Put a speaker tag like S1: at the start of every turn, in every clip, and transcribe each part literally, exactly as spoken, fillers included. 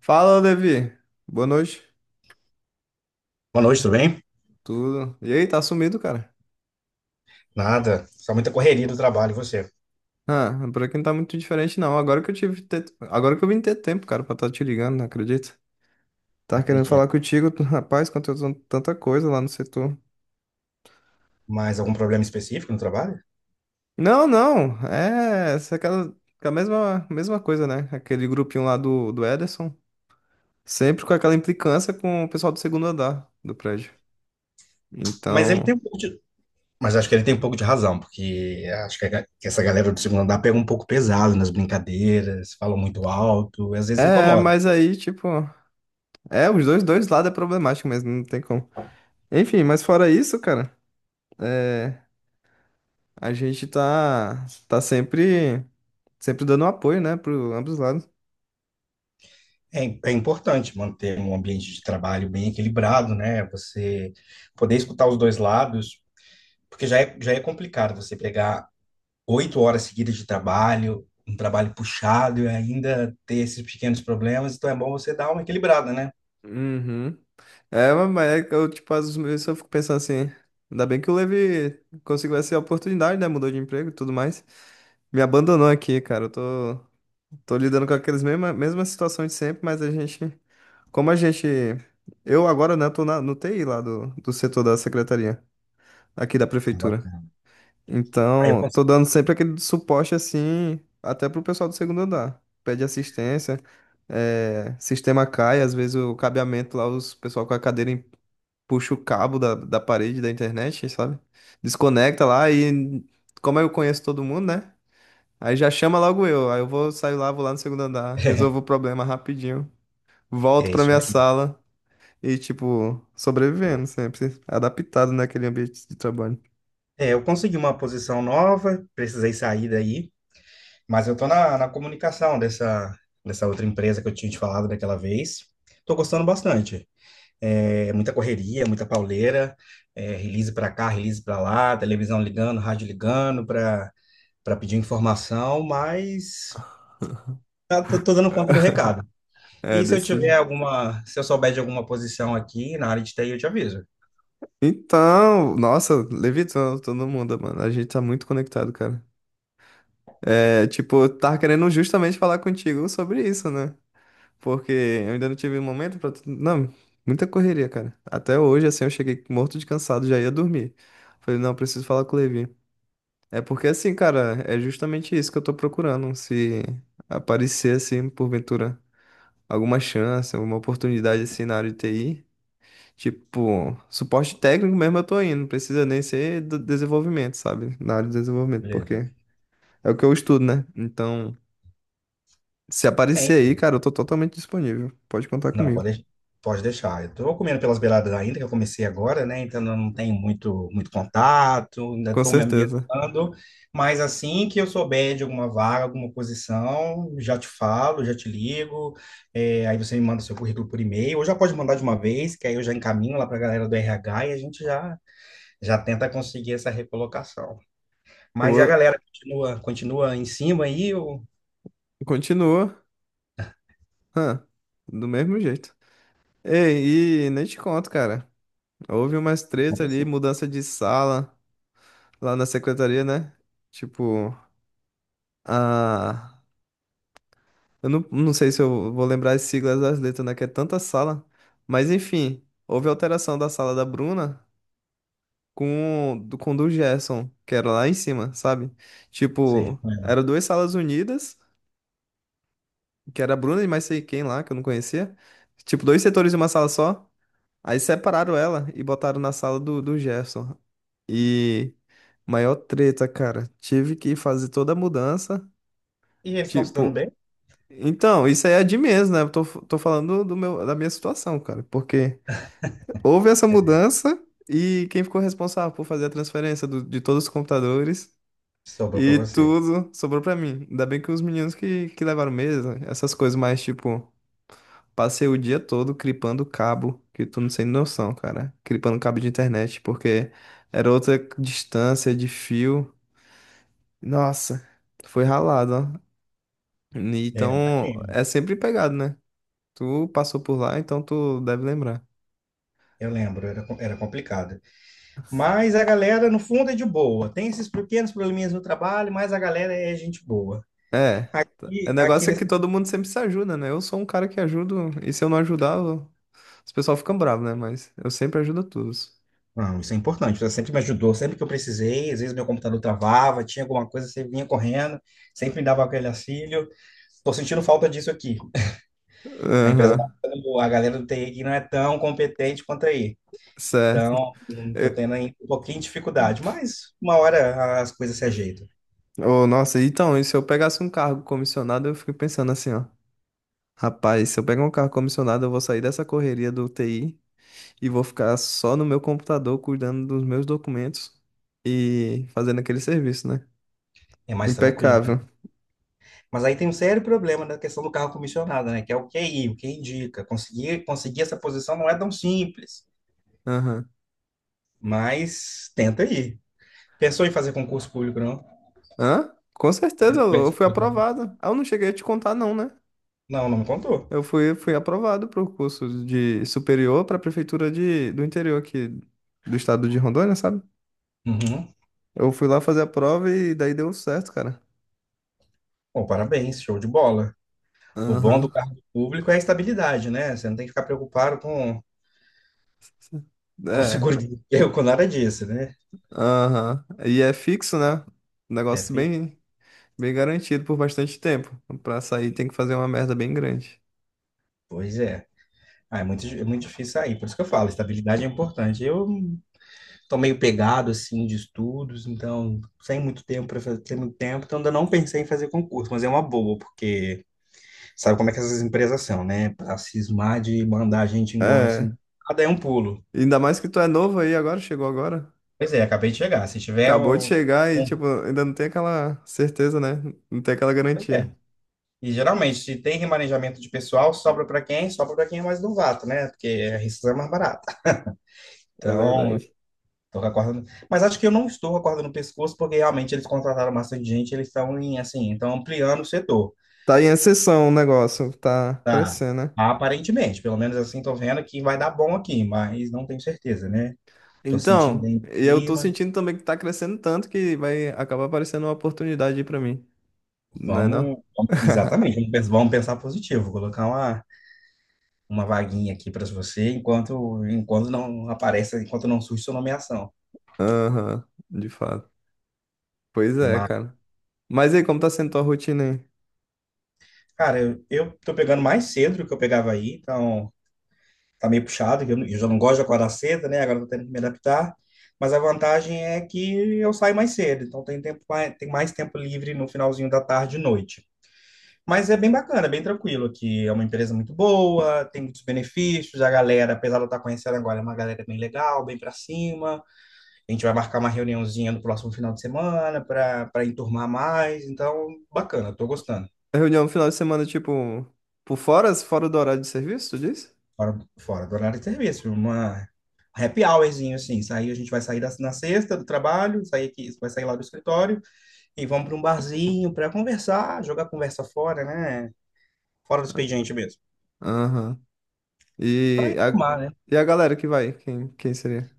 S1: Fala, Levi. Boa noite.
S2: Boa noite, tudo bem?
S1: Tudo. E aí, tá sumido, cara?
S2: Nada, só muita correria do trabalho, e você?
S1: Ah, por aqui não tá muito diferente, não. Agora que eu tive. te- Agora que eu vim ter tempo, cara, pra estar te ligando, não acredito. Tava querendo
S2: Acredito.
S1: falar contigo, tu- rapaz, aconteceu tanta coisa lá no setor.
S2: Mas algum problema específico no trabalho?
S1: Não, não. É. essa é aquela. A mesma, mesma coisa, né? Aquele grupinho lá do, do Ederson. Sempre com aquela implicância com o pessoal do segundo andar do prédio.
S2: Mas ele tem
S1: Então.
S2: um pouco de... Mas acho que ele tem um pouco de razão, porque acho que, a ga- que essa galera do segundo andar pega um pouco pesado nas brincadeiras, falam muito alto, e às vezes
S1: É,
S2: incomoda.
S1: mas aí, tipo. É, os dois, dois lados é problemático mesmo, não tem como. Enfim, mas fora isso, cara. É, a gente tá, tá sempre, sempre dando apoio, né, para ambos os lados.
S2: É, im- é importante manter um ambiente de trabalho bem equilibrado, né? Você poder escutar os dois lados, porque já é, já é complicado você pegar oito horas seguidas de trabalho, um trabalho puxado e ainda ter esses pequenos problemas, então é bom você dar uma equilibrada, né?
S1: Uhum. É, mas mas é que eu, tipo, às vezes eu fico pensando assim, ainda bem que o Levi conseguiu essa oportunidade, né? Mudou de emprego e tudo mais. Me abandonou aqui, cara. Eu tô, tô lidando com aquelas mesmas, mesmas situações de sempre, mas a gente. Como a gente. Eu agora, né, tô na, no T I lá do, do setor da secretaria, aqui da
S2: Ah,
S1: prefeitura.
S2: bacana. Aí eu
S1: Então,
S2: consegui.
S1: tô dando sempre aquele suporte assim, até pro pessoal do segundo andar. Pede assistência, eh, sistema cai, às vezes o cabeamento lá, os pessoal com a cadeira em- puxa o cabo da, da parede da internet, sabe? Desconecta lá e, como eu conheço todo mundo, né? Aí já chama logo eu. Aí eu vou sair lá, vou lá no segundo andar, resolvo o problema rapidinho, volto
S2: É
S1: pra
S2: isso
S1: minha
S2: aí.
S1: sala e, tipo, sobrevivendo sempre, adaptado naquele ambiente de trabalho.
S2: É, eu consegui uma posição nova, precisei sair daí, mas eu tô na, na comunicação dessa, dessa outra empresa que eu tinha te falado daquela vez. Tô gostando bastante. É, muita correria, muita pauleira, é, release para cá, release para lá, televisão ligando, rádio ligando para para pedir informação, mas tá- tô, tô dando conta do recado.
S1: É,
S2: E se eu tiver
S1: desse
S2: alguma, se eu souber de alguma posição aqui na área de T I, eu te aviso.
S1: Então, nossa, levitando todo mundo, mano. A gente tá muito conectado, cara. É, tipo, eu tava querendo justamente falar contigo sobre isso, né? Porque eu ainda não tive um momento pra. Não, muita correria, cara. Até hoje, assim, eu cheguei morto de cansado, já ia dormir. Falei, não, eu preciso falar com o Levi. É porque, assim, cara, é justamente isso que eu tô procurando. Se aparecer, assim, porventura, alguma chance, alguma oportunidade, assim, na área de T I. Tipo, suporte técnico mesmo eu tô indo, não precisa nem ser do desenvolvimento, sabe? Na área de desenvolvimento,
S2: Beleza.
S1: porque é o que eu estudo, né? Então, se
S2: Tem.
S1: aparecer aí, cara, eu tô totalmente disponível. Pode contar
S2: Não,
S1: comigo.
S2: pode, pode deixar. Eu tô comendo pelas beiradas ainda, que eu comecei agora, né? Então eu não tenho muito, muito contato, ainda
S1: Com
S2: estou me
S1: certeza.
S2: ambientando. Mas assim que eu souber de alguma vaga, alguma posição, já te falo, já te ligo. É, aí você me manda seu currículo por e-mail, ou já pode mandar de uma vez, que aí eu já encaminho lá para a galera do R H e a gente já, já tenta conseguir essa recolocação.
S1: Eu
S2: Mas a
S1: vou...
S2: galera continua, continua em cima aí ou
S1: Continua, hã, do mesmo jeito. Ei, e nem te conto, cara. Houve umas treta
S2: Como
S1: ali,
S2: assim?
S1: mudança de sala lá na secretaria, né? Tipo, a Eu não, não sei se eu vou lembrar as siglas das letras, né? Que é tanta sala. Mas enfim, houve alteração da sala da Bruna com, do- com do Gerson, que era lá em cima, sabe?
S2: Sei,
S1: Tipo,
S2: com
S1: eram duas salas unidas, que era a Bruna e mais sei quem lá, que eu não conhecia. Tipo, dois setores de uma sala só. Aí separaram ela e botaram na sala do, do Gerson. E maior treta, cara. Tive que fazer toda a mudança.
S2: E eles estão se dando
S1: Tipo,
S2: bem?
S1: Então, isso aí é de menos, né? Eu tô, tô falando do meu, da minha situação, cara. Porque houve essa mudança e quem ficou responsável por fazer a transferência do- de todos os computadores
S2: Sobrou para
S1: e
S2: você.
S1: tudo sobrou pra mim. Ainda bem que os meninos que, que levaram mesa, essas coisas mais, tipo, passei o dia todo clipando cabo, que tu não tem noção, cara. Clipando cabo de internet, porque era outra distância de fio. Nossa, foi ralado, ó.
S2: É,
S1: Então,
S2: imagino.
S1: é sempre pegado, né? Tu passou por lá, então tu deve lembrar.
S2: Eu lembro, era, co- era complicado. Mas a galera, no fundo, é de boa. Tem esses pequenos probleminhas no trabalho, mas a galera é gente boa.
S1: É. tá. O
S2: E aqui
S1: negócio é
S2: nesse.
S1: que todo mundo sempre se ajuda, né? Eu sou um cara que ajudo, e se eu não ajudar, eu- os pessoal ficam bravos, né? Mas eu sempre ajudo todos.
S2: Não, isso é importante. Você sempre me ajudou, sempre que eu precisei. Às vezes meu computador travava, tinha alguma coisa, você vinha correndo, sempre me dava aquele auxílio. Tô sentindo falta disso aqui. A empresa,
S1: Aham,
S2: a galera do T I aqui não é tão competente quanto aí.
S1: certo.
S2: Então, estou
S1: Eu-
S2: tendo aí um pouquinho de dificuldade, mas uma hora as coisas se ajeitam.
S1: Ô, nossa, então, e se eu pegasse um cargo comissionado, eu fico pensando assim, ó. Rapaz, se eu pegar um cargo comissionado, eu vou sair dessa correria do T I e vou ficar só no meu computador cuidando dos meus documentos e fazendo aquele serviço, né?
S2: É mais tranquilo.
S1: Impecável.
S2: Mas aí tem um sério problema na questão do carro comissionado, né? Que é o Q I, o que indica. Conseguir, conseguir essa posição não é tão simples,
S1: Aham.
S2: mas tenta aí. Pensou em fazer concurso público, não?
S1: Hã? Com
S2: Você
S1: certeza,
S2: não
S1: eu eu
S2: pensa- em
S1: fui
S2: fazer concurso?
S1: aprovado. Ah, eu não cheguei a te contar, não, né?
S2: Não, não me contou.
S1: Eu fui, fui aprovado para o curso de superior para a prefeitura de, do interior aqui do estado de Rondônia, sabe?
S2: Uhum.
S1: Eu fui lá fazer a prova e daí deu certo, cara.
S2: Bom, parabéns, show de bola. O bom do
S1: Aham.
S2: cargo público é a estabilidade, né? Você não tem que ficar preocupado com, com
S1: É.
S2: seguro de emprego, com nada disso, né?
S1: Aham. E é fixo, né? Um
S2: É,
S1: negócio bem, bem garantido por bastante tempo. Pra sair tem que fazer uma merda bem grande.
S2: pois é. Ah, é muito, é muito difícil sair, por isso que eu falo, estabilidade é importante. Eu tô meio pegado, assim, de estudos, então, sem muito tempo para fazer, sem muito tempo, então ainda não pensei em fazer concurso, mas é uma boa, porque sabe como é que essas empresas são, né? Pra cismar de mandar a gente embora,
S1: É.
S2: assim, cada é um pulo.
S1: Ainda mais que tu é novo aí agora, chegou agora.
S2: Pois é, acabei de chegar. Se tiver
S1: Acabou de
S2: um...
S1: chegar e,
S2: um-
S1: tipo, ainda não tem aquela certeza, né? Não tem aquela
S2: Pois é.
S1: garantia.
S2: E geralmente, se tem remanejamento de pessoal, sobra para quem? Sobra para quem é mais novato, né? Porque a rescisão é mais barata.
S1: É
S2: Então,
S1: verdade.
S2: Tô com a corda no- Mas acho que eu não estou com a corda no pescoço, porque realmente eles contrataram bastante gente, eles estão em, assim, estão ampliando o setor,
S1: Tá em ascensão o negócio, tá
S2: tá?
S1: crescendo, né?
S2: Aparentemente, pelo menos assim, tô vendo que vai dar bom aqui, mas não tenho certeza, né? Tô sentindo
S1: Então,
S2: bem o
S1: e eu tô
S2: clima.
S1: sentindo também que tá crescendo tanto que vai acabar aparecendo uma oportunidade aí pra mim, não é não?
S2: Vamos, vamos- exatamente, vamos pens- vamos pensar positivo. Vou colocar uma, uma vaguinha aqui para você enquanto enquanto não aparece, enquanto não surge sua nomeação.
S1: Aham, de fato. Pois é,
S2: Mas,
S1: cara. Mas e aí, como tá sendo tua rotina aí?
S2: cara, eu, eu tô pegando mais cedo do que eu pegava aí, então tá meio puxado, que eu, eu já não gosto de acordar cedo, né? Agora eu tô tendo que me adaptar. Mas a vantagem é que eu saio mais cedo, então tem tempo, mais- tem mais tempo livre no finalzinho da tarde e noite. Mas é bem bacana, é bem tranquilo aqui. É uma empresa muito boa, tem muitos benefícios. A galera, apesar de eu estar conhecendo agora, é uma galera bem legal, bem para cima. A gente vai marcar uma reuniãozinha no próximo final de semana para para enturmar mais. Então, bacana, estou gostando.
S1: É Reunião no final de semana, tipo, por fora, fora do horário de serviço, tu disse?
S2: Fora, fora do horário de serviço, uma happy hourzinho, assim, sair, a gente vai sair da, na sexta do trabalho, sair aqui, vai sair lá do escritório e vamos para um barzinho para conversar, jogar conversa fora, né? Fora do expediente mesmo.
S1: Aham.
S2: Para
S1: E a,
S2: informar, né?
S1: e a galera que vai? Quem, quem seria?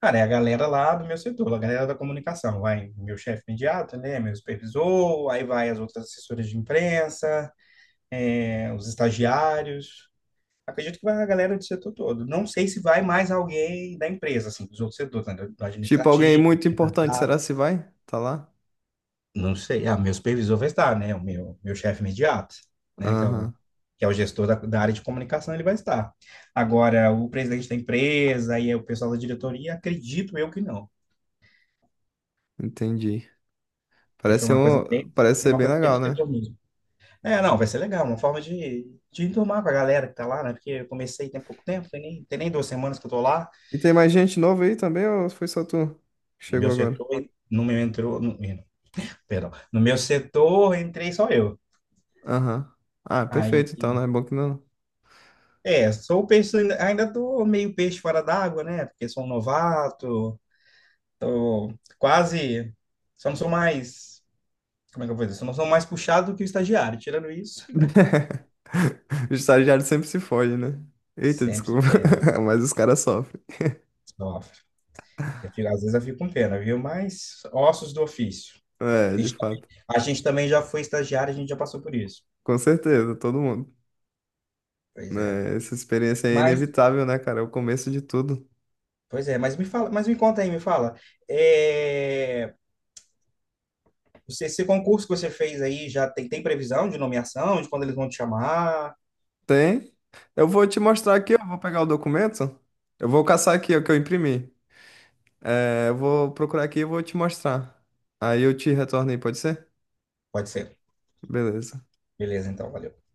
S2: Cara, é a galera lá do meu setor, a galera da comunicação, vai meu chefe imediato, né? Meu supervisor, aí vai as outras assessoras de imprensa, é, os estagiários. Acredito que vai a galera do setor todo. Não sei se vai mais alguém da empresa, assim, dos outros setores, né? Do do
S1: Tipo, alguém
S2: administrativo
S1: muito importante,
S2: Ah,
S1: será se vai? Tá lá?
S2: não sei. Ah, meu supervisor vai estar, né? O meu, meu chefe imediato, né? Que é o,
S1: Aham,
S2: que é o gestor da, da área de comunicação, ele vai estar. Agora, o presidente da empresa e o pessoal da diretoria, acredito eu que não.
S1: entendi.
S2: Que foi
S1: Parece
S2: uma coisa bem,
S1: um, parece
S2: é
S1: ser
S2: uma
S1: bem
S2: coisa bem do
S1: legal, né?
S2: setor mesmo. É, não, vai ser legal. Uma forma de, de enturmar com a galera que tá lá, né? Porque eu comecei tem pouco tempo, tem nem, tem nem duas semanas que eu tô lá.
S1: E tem mais gente nova aí também, ou foi só tu que
S2: No meu
S1: chegou agora?
S2: setor, no meu entrou... No, perdão. No meu setor, entrei só eu.
S1: Aham. Ah,
S2: Aí
S1: perfeito, então, né? Bom que não.
S2: É, sou o peixe, ainda tô meio peixe fora d'água, né? Porque sou um novato, tô quase, só não sou mais, como é que eu vou dizer? Só não sou mais puxado do que o estagiário. Tirando isso,
S1: O estagiário sempre se foge, né? Eita,
S2: sempre se
S1: desculpa.
S2: perde,
S1: Mas os caras sofrem.
S2: sofre. Eu fico, às vezes eu fico com pena, viu? Mas ossos do ofício.
S1: É,
S2: A
S1: de
S2: gente,
S1: fato.
S2: a gente também já foi estagiário, a gente já passou por isso.
S1: Com certeza, todo mundo.
S2: Pois é.
S1: Né? Essa experiência aí é
S2: Mas,
S1: inevitável, né, cara? É o começo de tudo.
S2: pois é, mas me fala, mas me conta aí, me fala. É, você, esse concurso que você fez aí já tem, tem previsão de nomeação, de quando eles vão te chamar?
S1: Tem. Eu vou te mostrar aqui, eu vou pegar o documento. Eu vou caçar aqui o que eu imprimi. É, eu vou procurar aqui e vou te mostrar. Aí eu te retorno aí, pode ser?
S2: Pode ser.
S1: Beleza.
S2: Beleza, então, valeu.